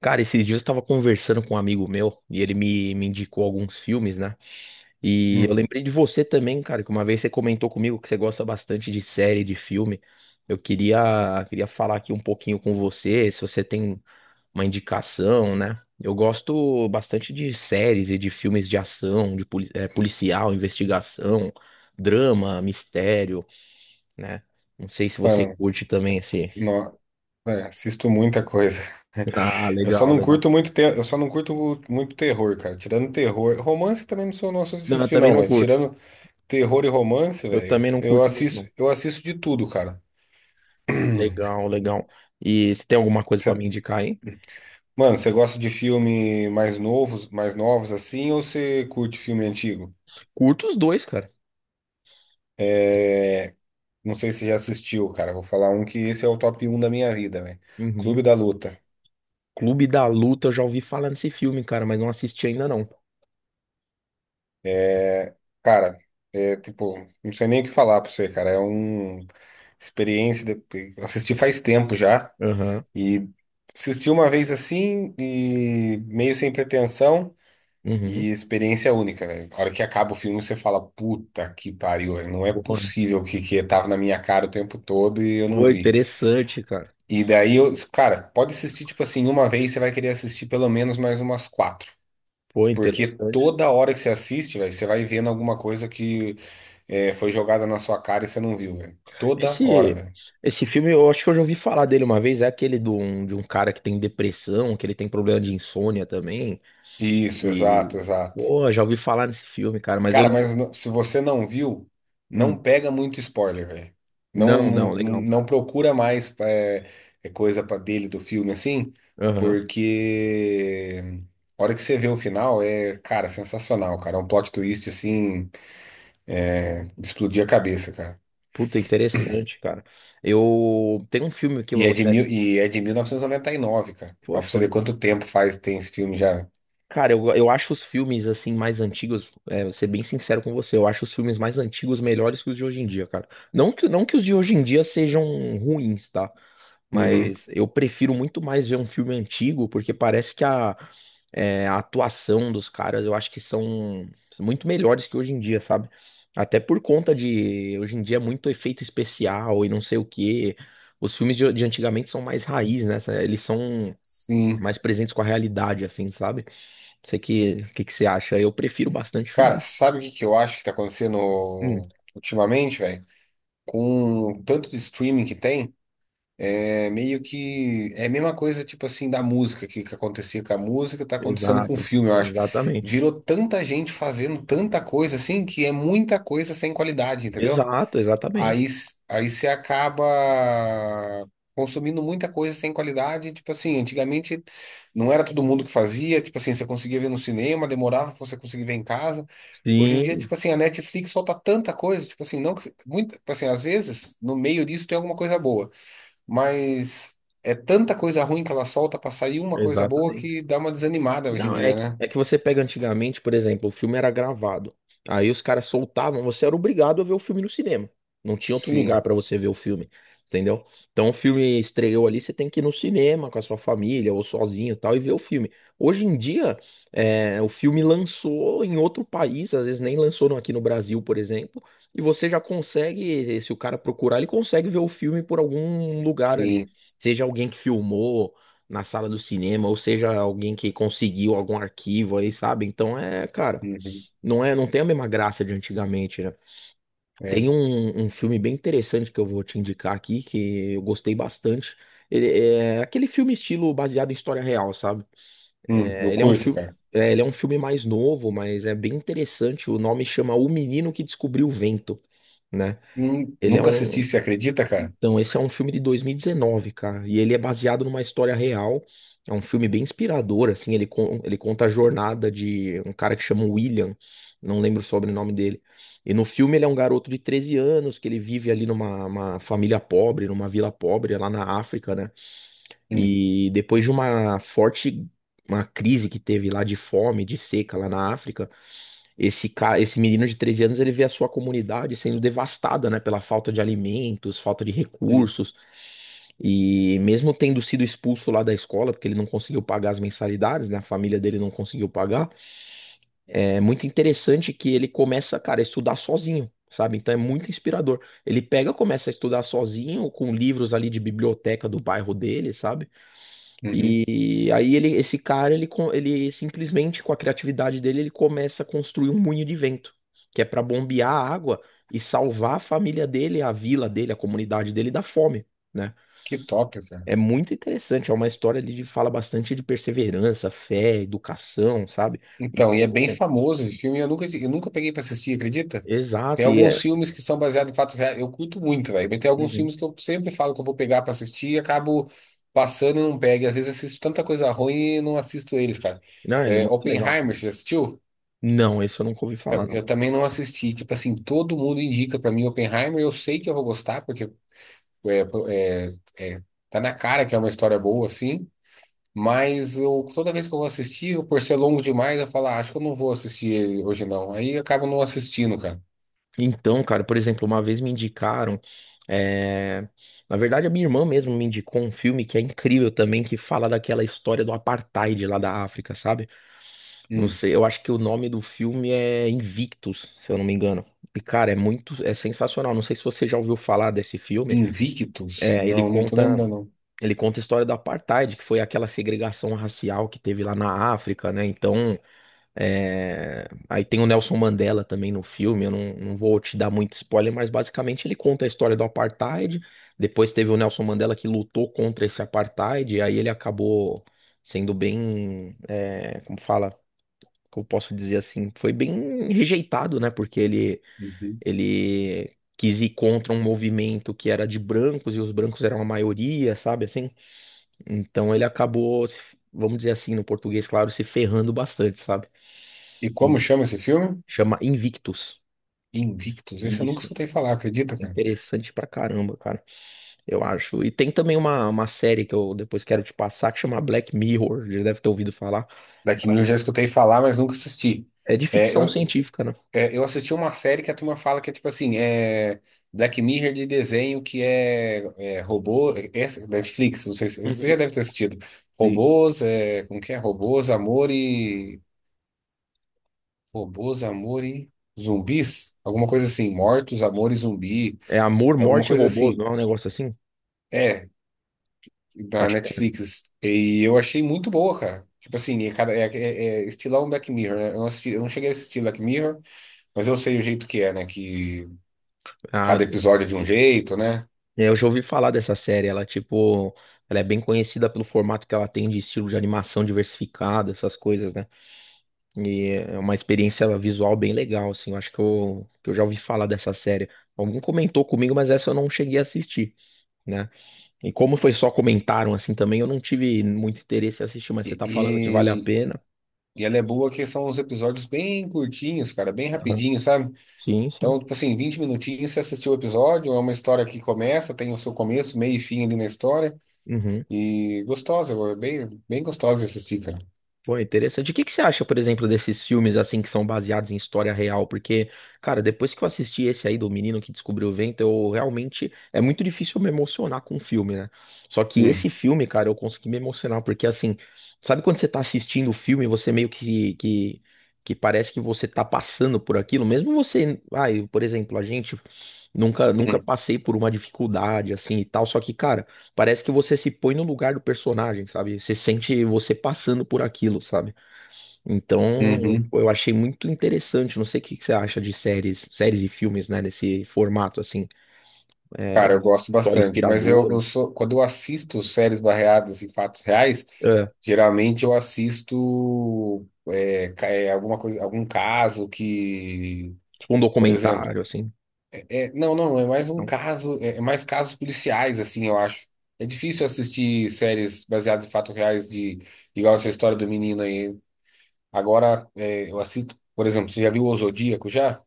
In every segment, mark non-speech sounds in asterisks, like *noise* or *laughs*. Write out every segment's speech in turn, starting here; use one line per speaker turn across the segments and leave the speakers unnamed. Cara, esses dias eu tava conversando com um amigo meu e ele me indicou alguns filmes, né? E eu
Hum.
lembrei de você também, cara, que uma vez você comentou comigo que você gosta bastante de série, de filme. Eu queria falar aqui um pouquinho com você, se você tem uma indicação, né? Eu gosto bastante de séries e de filmes de ação, de policial, investigação, drama, mistério, né? Não sei se você
Mano,
curte também esse.
no- assisto muita coisa.
*laughs* Ah,
*laughs* Eu só
legal,
não
legal.
curto muito, te- eu só não curto muito terror, cara. Tirando terror, romance também não sou nosso de
Não, eu
assistir
também
não,
não
mas
curto.
tirando terror e romance,
Eu
velho,
também não
eu
curto muito,
assisto,
não.
eu assisto de tudo, cara. *clears throat*
Legal, legal. E você tem alguma coisa pra
Cê-
me indicar aí?
mano, você gosta de filme mais novos assim, ou você curte filme antigo?
Curto os dois, cara.
Não sei se já assistiu, cara. Vou falar um que esse é o top um da minha vida, velho.
Uhum.
Clube da Luta.
Clube da Luta, eu já ouvi falar nesse filme, cara, mas não assisti ainda não.
Cara, é tipo, não sei nem o que falar pra você, cara. É uma experiência. Eu assisti faz tempo já.
Aham.
E assisti uma vez assim, e meio sem pretensão,
Uhum.
e experiência única, velho. A hora que acaba o filme, você fala, puta que pariu, velho. Não é
Pô,
possível que, tava na minha cara o tempo todo e eu não
pô,
vi.
interessante, cara.
E daí eu, cara, pode assistir, tipo assim, uma vez, você vai querer assistir pelo menos mais umas quatro.
Pô,
Porque
interessante.
toda hora que você assiste, velho, você vai vendo alguma coisa que foi jogada na sua cara e você não viu, velho. Toda hora,
Esse,
velho.
esse filme, eu acho que eu já ouvi falar dele uma vez. É aquele de um cara que tem depressão, que ele tem problema de insônia também.
Isso,
E,
exato, exato.
pô, já ouvi falar nesse filme, cara, mas eu
Cara,
não.
mas se você não viu, não
Hum,
pega muito spoiler, velho. Não,
não,
não,
legal.
não procura mais é coisa pra dele do filme assim,
Aham.
porque a hora que você vê o final é, cara, sensacional, cara. É um plot twist assim, de explodir a cabeça, cara.
Puta, interessante, cara. Eu. Tem um filme que eu
E
vou
é de
até.
mil, e é de 1999, cara.
Pô,
Ó, pra você
show
ver
de.
quanto tempo faz tem esse filme já.
Cara, eu acho os filmes assim mais antigos, é, vou ser bem sincero com você, eu acho os filmes mais antigos melhores que os de hoje em dia, cara. Não que os de hoje em dia sejam ruins, tá?
Uhum.
Mas eu prefiro muito mais ver um filme antigo, porque parece que a atuação dos caras eu acho que são muito melhores que hoje em dia, sabe? Até por conta de hoje em dia é muito efeito especial e não sei o quê. Os filmes de antigamente são mais raiz, né? Eles são
Sim.
mais presentes com a realidade, assim, sabe? Você que você acha? Eu prefiro bastante
Cara,
filme.
sabe o que que eu acho que tá acontecendo
Hum,
ultimamente, velho? Com o tanto de streaming que tem, é meio que, é a mesma coisa, tipo assim, da música, que acontecia com a música, tá acontecendo com o
exato,
filme, eu acho.
exatamente.
Virou tanta gente fazendo tanta coisa assim, que é muita coisa sem qualidade, entendeu?
Exato, exatamente.
Aí, você acaba consumindo muita coisa sem qualidade. Tipo assim, antigamente não era todo mundo que fazia. Tipo assim, você conseguia ver no cinema, demorava pra você conseguir ver em casa. Hoje em dia,
Sim,
tipo assim, a Netflix solta tanta coisa. Tipo assim, não que, muito, tipo assim, às vezes no meio disso tem alguma coisa boa, mas é tanta coisa ruim que ela solta pra sair uma coisa boa
exatamente.
que dá uma desanimada hoje em
Não, é,
dia, né?
é que você pega antigamente, por exemplo, o filme era gravado. Aí os caras soltavam, você era obrigado a ver o filme no cinema. Não tinha outro lugar
Sim,
pra você ver o filme, entendeu? Então o filme estreou ali, você tem que ir no cinema com a sua família ou sozinho e tal e ver o filme. Hoje em dia, é, o filme lançou em outro país, às vezes nem lançou no- aqui no Brasil, por exemplo, e você já consegue, se o cara procurar, ele consegue ver o filme por algum lugar ali.
sim.
Seja alguém que filmou na sala do cinema, ou seja, alguém que conseguiu algum arquivo aí, sabe? Então é, cara,
Uhum.
não tem a mesma graça de antigamente, né?
É.
Tem um filme bem interessante que eu vou te indicar aqui, que eu gostei bastante. Ele é aquele filme estilo baseado em história real, sabe?
Eu
É, ele é um
curto,
filme,
cara.
é, ele é um filme mais novo, mas é bem interessante. O nome chama O Menino que Descobriu o Vento, né? Ele é
Nunca assisti,
um,
você acredita, cara?
então, esse é um filme de 2019, cara, e ele é baseado numa história real. É um filme bem inspirador, assim, ele, ele conta a jornada de um cara que chama William, não lembro o sobrenome dele. E no filme ele é um garoto de 13 anos que ele vive ali numa uma família pobre, numa vila pobre é lá na África, né?
Hum.
E depois de uma forte uma crise que teve lá de fome, de seca lá na África, esse menino de 13 anos, ele vê a sua comunidade sendo devastada, né, pela falta de alimentos, falta de
Hum,
recursos. E mesmo tendo sido expulso lá da escola, porque ele não conseguiu pagar as mensalidades, né? A família dele não conseguiu pagar. É muito interessante que ele começa, cara, a estudar sozinho, sabe? Então é muito inspirador. Ele pega, começa a estudar sozinho, com livros ali de biblioteca do bairro dele, sabe?
uhum.
E aí ele, esse cara, ele, ele simplesmente, com a criatividade dele, ele começa a construir um moinho de vento, que é para bombear a água e salvar a família dele, a vila dele, a comunidade dele da fome. Né?
Que top, cara.
É muito interessante, é uma história ali de fala bastante de perseverança, fé, educação, sabe? E
Então, e é bem
como.
famoso esse filme. Eu nunca peguei pra assistir, acredita? Tem
Exato, e
alguns
é.
filmes que são baseados em fatos reais. Eu curto muito, velho. Mas tem alguns
Uhum.
filmes que eu sempre falo que eu vou pegar pra assistir e acabo passando e não pego. E às vezes assisto tanta coisa ruim e não assisto eles, cara.
Não, ele é
É,
muito legal.
Oppenheimer, você já assistiu?
Não, esse eu nunca ouvi falar, não.
Eu também não assisti. Tipo assim, todo mundo indica pra mim Oppenheimer. Eu sei que eu vou gostar, porque é, é, é, tá na cara que é uma história boa, assim. Mas eu, toda vez que eu vou assistir, eu, por ser longo demais, eu falo, ah, acho que eu não vou assistir ele hoje não. Aí eu acabo não assistindo, cara.
Então, cara, por exemplo, uma vez me indicaram. É, Na verdade, a minha irmã mesmo me indicou um filme que é incrível também, que fala daquela história do apartheid lá da África, sabe? Não
Hum.
sei, eu acho que o nome do filme é Invictus, se eu não me engano. E, cara, é muito, é sensacional. Não sei se você já ouviu falar desse filme.
Invictus?
É,
Não, não tô lembrando,
ele conta a história do apartheid, que foi aquela segregação racial que teve lá na África, né? Então, é, aí tem o Nelson Mandela também no filme. Eu não vou te dar muito spoiler, mas basicamente ele conta a história do apartheid. Depois teve o Nelson Mandela que lutou contra esse apartheid, e aí ele acabou sendo bem, é, como fala, como posso dizer assim, foi bem rejeitado, né? Porque ele
não. Uhum.
ele quis ir contra um movimento que era de brancos e os brancos eram a maioria, sabe assim? Então ele acabou, vamos dizer assim, no português, claro, se ferrando bastante, sabe?
E como chama esse filme?
Chama Invictus.
Invictus. Esse eu nunca
Isso,
escutei falar, acredita,
é
cara?
interessante pra caramba, cara, eu acho. E tem também uma série que eu depois quero te passar que chama Black Mirror, já deve ter ouvido falar.
Da Kim
Ela
eu
É
já escutei falar, mas nunca assisti.
é de
É,
ficção
eu,
científica, né?
eu assisti uma série que a turma fala que é tipo assim, Black Mirror de desenho que é robô, Netflix, não sei se você já
Uhum.
deve ter assistido.
E
Robôs, é, como que é? Robôs, amor e Robôs, amor e zumbis? Alguma coisa assim. Mortos, amor e zumbi.
É Amor,
Alguma
Morte e
coisa
Robôs,
assim.
não é um negócio assim?
É, da
Acho que é.
Netflix. E eu achei muito boa, cara. Tipo assim, é, cada, é, é, é estilão Black Mirror, né? Eu não cheguei a assistir Black Mirror, mas eu sei o jeito que é, né? Que
Ah,
cada episódio é de um jeito, né?
É, Eu já ouvi falar dessa série, ela tipo, ela é bem conhecida pelo formato que ela tem de estilo de animação diversificado, essas coisas, né? E é uma experiência visual bem legal, assim, eu acho que eu já ouvi falar dessa série. Alguém comentou comigo, mas essa eu não cheguei a assistir, né? E como foi só comentaram assim também, eu não tive muito interesse em assistir, mas você
E,
tá falando que vale a
e,
pena.
e ela é boa que são uns episódios bem curtinhos, cara, bem
Aham.
rapidinho, sabe?
Sim, sim.
Então, tipo assim, 20 minutinhos você assistiu o episódio, é uma história que começa, tem o seu começo, meio e fim ali na história.
Uhum.
E gostosa, é bem, bem gostosa de assistir, cara.
Pô, interessante. O que que você acha, por exemplo, desses filmes assim que são baseados em história real? Porque, cara, depois que eu assisti esse aí do Menino que Descobriu o Vento, eu realmente é muito difícil me emocionar com o filme, né? Só que esse
Hum,
filme, cara, eu consegui me emocionar porque assim, sabe quando você tá assistindo o filme, e você meio que parece que você tá passando por aquilo, mesmo você, ai, por exemplo, a gente Nunca, nunca
hum,
passei por uma dificuldade assim e tal. Só que, cara, parece que você se põe no lugar do personagem, sabe? Você sente você passando por aquilo, sabe? Então,
uhum.
eu achei muito interessante. Não sei o que que você acha de séries, séries e filmes, né? Nesse formato assim, é,
Cara,
de
eu gosto
história
bastante, mas eu,
inspiradora,
eu sou, quando eu assisto séries barreadas em fatos reais,
é,
geralmente eu assisto alguma coisa, algum caso que,
tipo um
por exemplo,
documentário, assim.
é, é- não, não, é mais um
Então.
caso, é mais casos policiais, assim, eu acho. É difícil assistir séries baseadas em fatos reais de, igual essa história do menino aí. Agora, eu assisto, por exemplo, você já viu O Zodíaco já?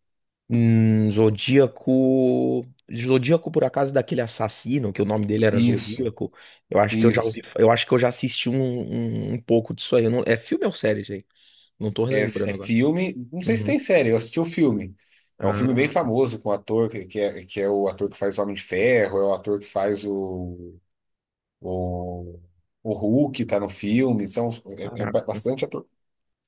Zodíaco. Zodíaco, por acaso, daquele assassino, que o nome dele era
Isso,
Zodíaco. Eu acho que eu já
isso.
ouvi, eu acho que eu já assisti um, um, um pouco disso aí. Eu não- é filme ou série, gente? Não tô
É
relembrando agora.
filme. Não sei se
Uhum.
tem série, eu assisti o filme. É um filme bem
Ah,
famoso com o ator que é o ator que faz o Homem de Ferro, é o ator que faz o, o, o, Hulk, tá no filme. São, é, é ba-
caraca.
bastante ator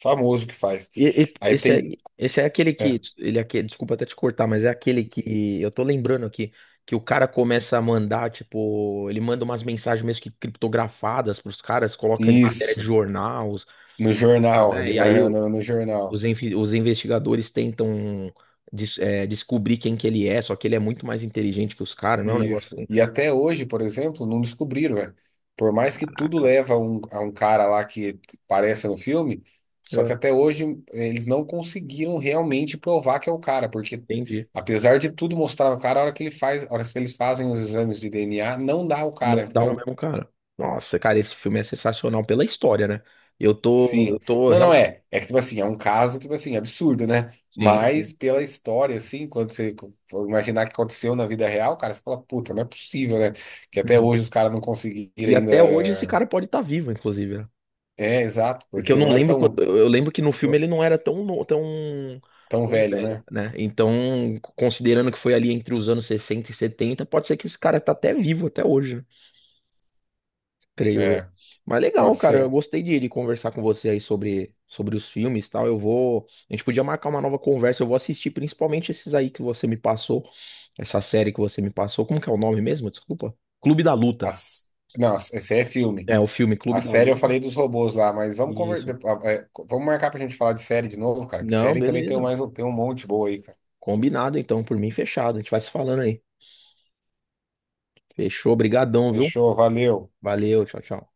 famoso que faz. Aí
Esse
tem.
aí, esse é aquele que.
é,
Ele é aquele, desculpa até te cortar, mas é aquele que. Eu tô lembrando aqui. Que o cara começa a mandar, tipo, ele manda umas mensagens mesmo que criptografadas pros caras, coloca em matéria de
isso,
jornais,
no
não
jornal,
é?
ele
E
vai
aí,
andando no jornal.
Os, os investigadores tentam descobrir quem que ele é, só que ele é muito mais inteligente que os caras, não é um negócio
Isso.
assim,
E até hoje, por exemplo, não descobriram, velho. Por mais que tudo
caraca,
leva a um cara lá que aparece no filme, só que
É.
até hoje eles não conseguiram realmente provar que é o cara, porque
entendi.
apesar de tudo mostrar o cara, a hora que ele faz, a hora que eles fazem os exames de DNA, não dá o cara,
Não dá o
entendeu?
mesmo cara. Nossa, cara, esse filme é sensacional pela história, né? Eu tô, eu
Sim.
tô
Não, não
realmente.
é. É que, tipo assim, é um caso, tipo assim, absurdo, né?
Sim,
Mas
sim.
pela história, assim, quando você for imaginar que aconteceu na vida real, cara, você fala, puta, não é possível, né? Que até
Uhum.
hoje os caras não conseguiram
E até hoje esse
ainda.
cara pode estar vivo, inclusive, né?
É, exato,
Porque eu
porque
não
não é
lembro, eu lembro que no filme ele
eu-
não era tão, tão,
tão
tão
velho,
velho,
né?
né? Então, considerando que foi ali entre os anos 60 e 70 pode ser que esse cara tá até vivo até hoje, creio eu.
É,
Mas legal,
pode
cara, eu
ser.
gostei de conversar com você aí sobre os filmes e tal. Eu vou. A gente podia marcar uma nova conversa. Eu vou assistir principalmente esses aí que você me passou, essa série que você me passou. Como que é o nome mesmo? Desculpa. Clube da Luta.
As... Não, esse aí é filme.
É, o filme Clube
A
da
série eu
Luta.
falei dos robôs lá, mas vamos conver... de-
Isso.
ah, é, co- vamos marcar pra gente falar de série de novo, cara. Que
Não,
série também tem
beleza.
mais um, tem um monte boa aí, cara.
Combinado então, por mim fechado. A gente vai se falando aí. Fechou, brigadão, viu?
Fechou, valeu.
Valeu, tchau, tchau.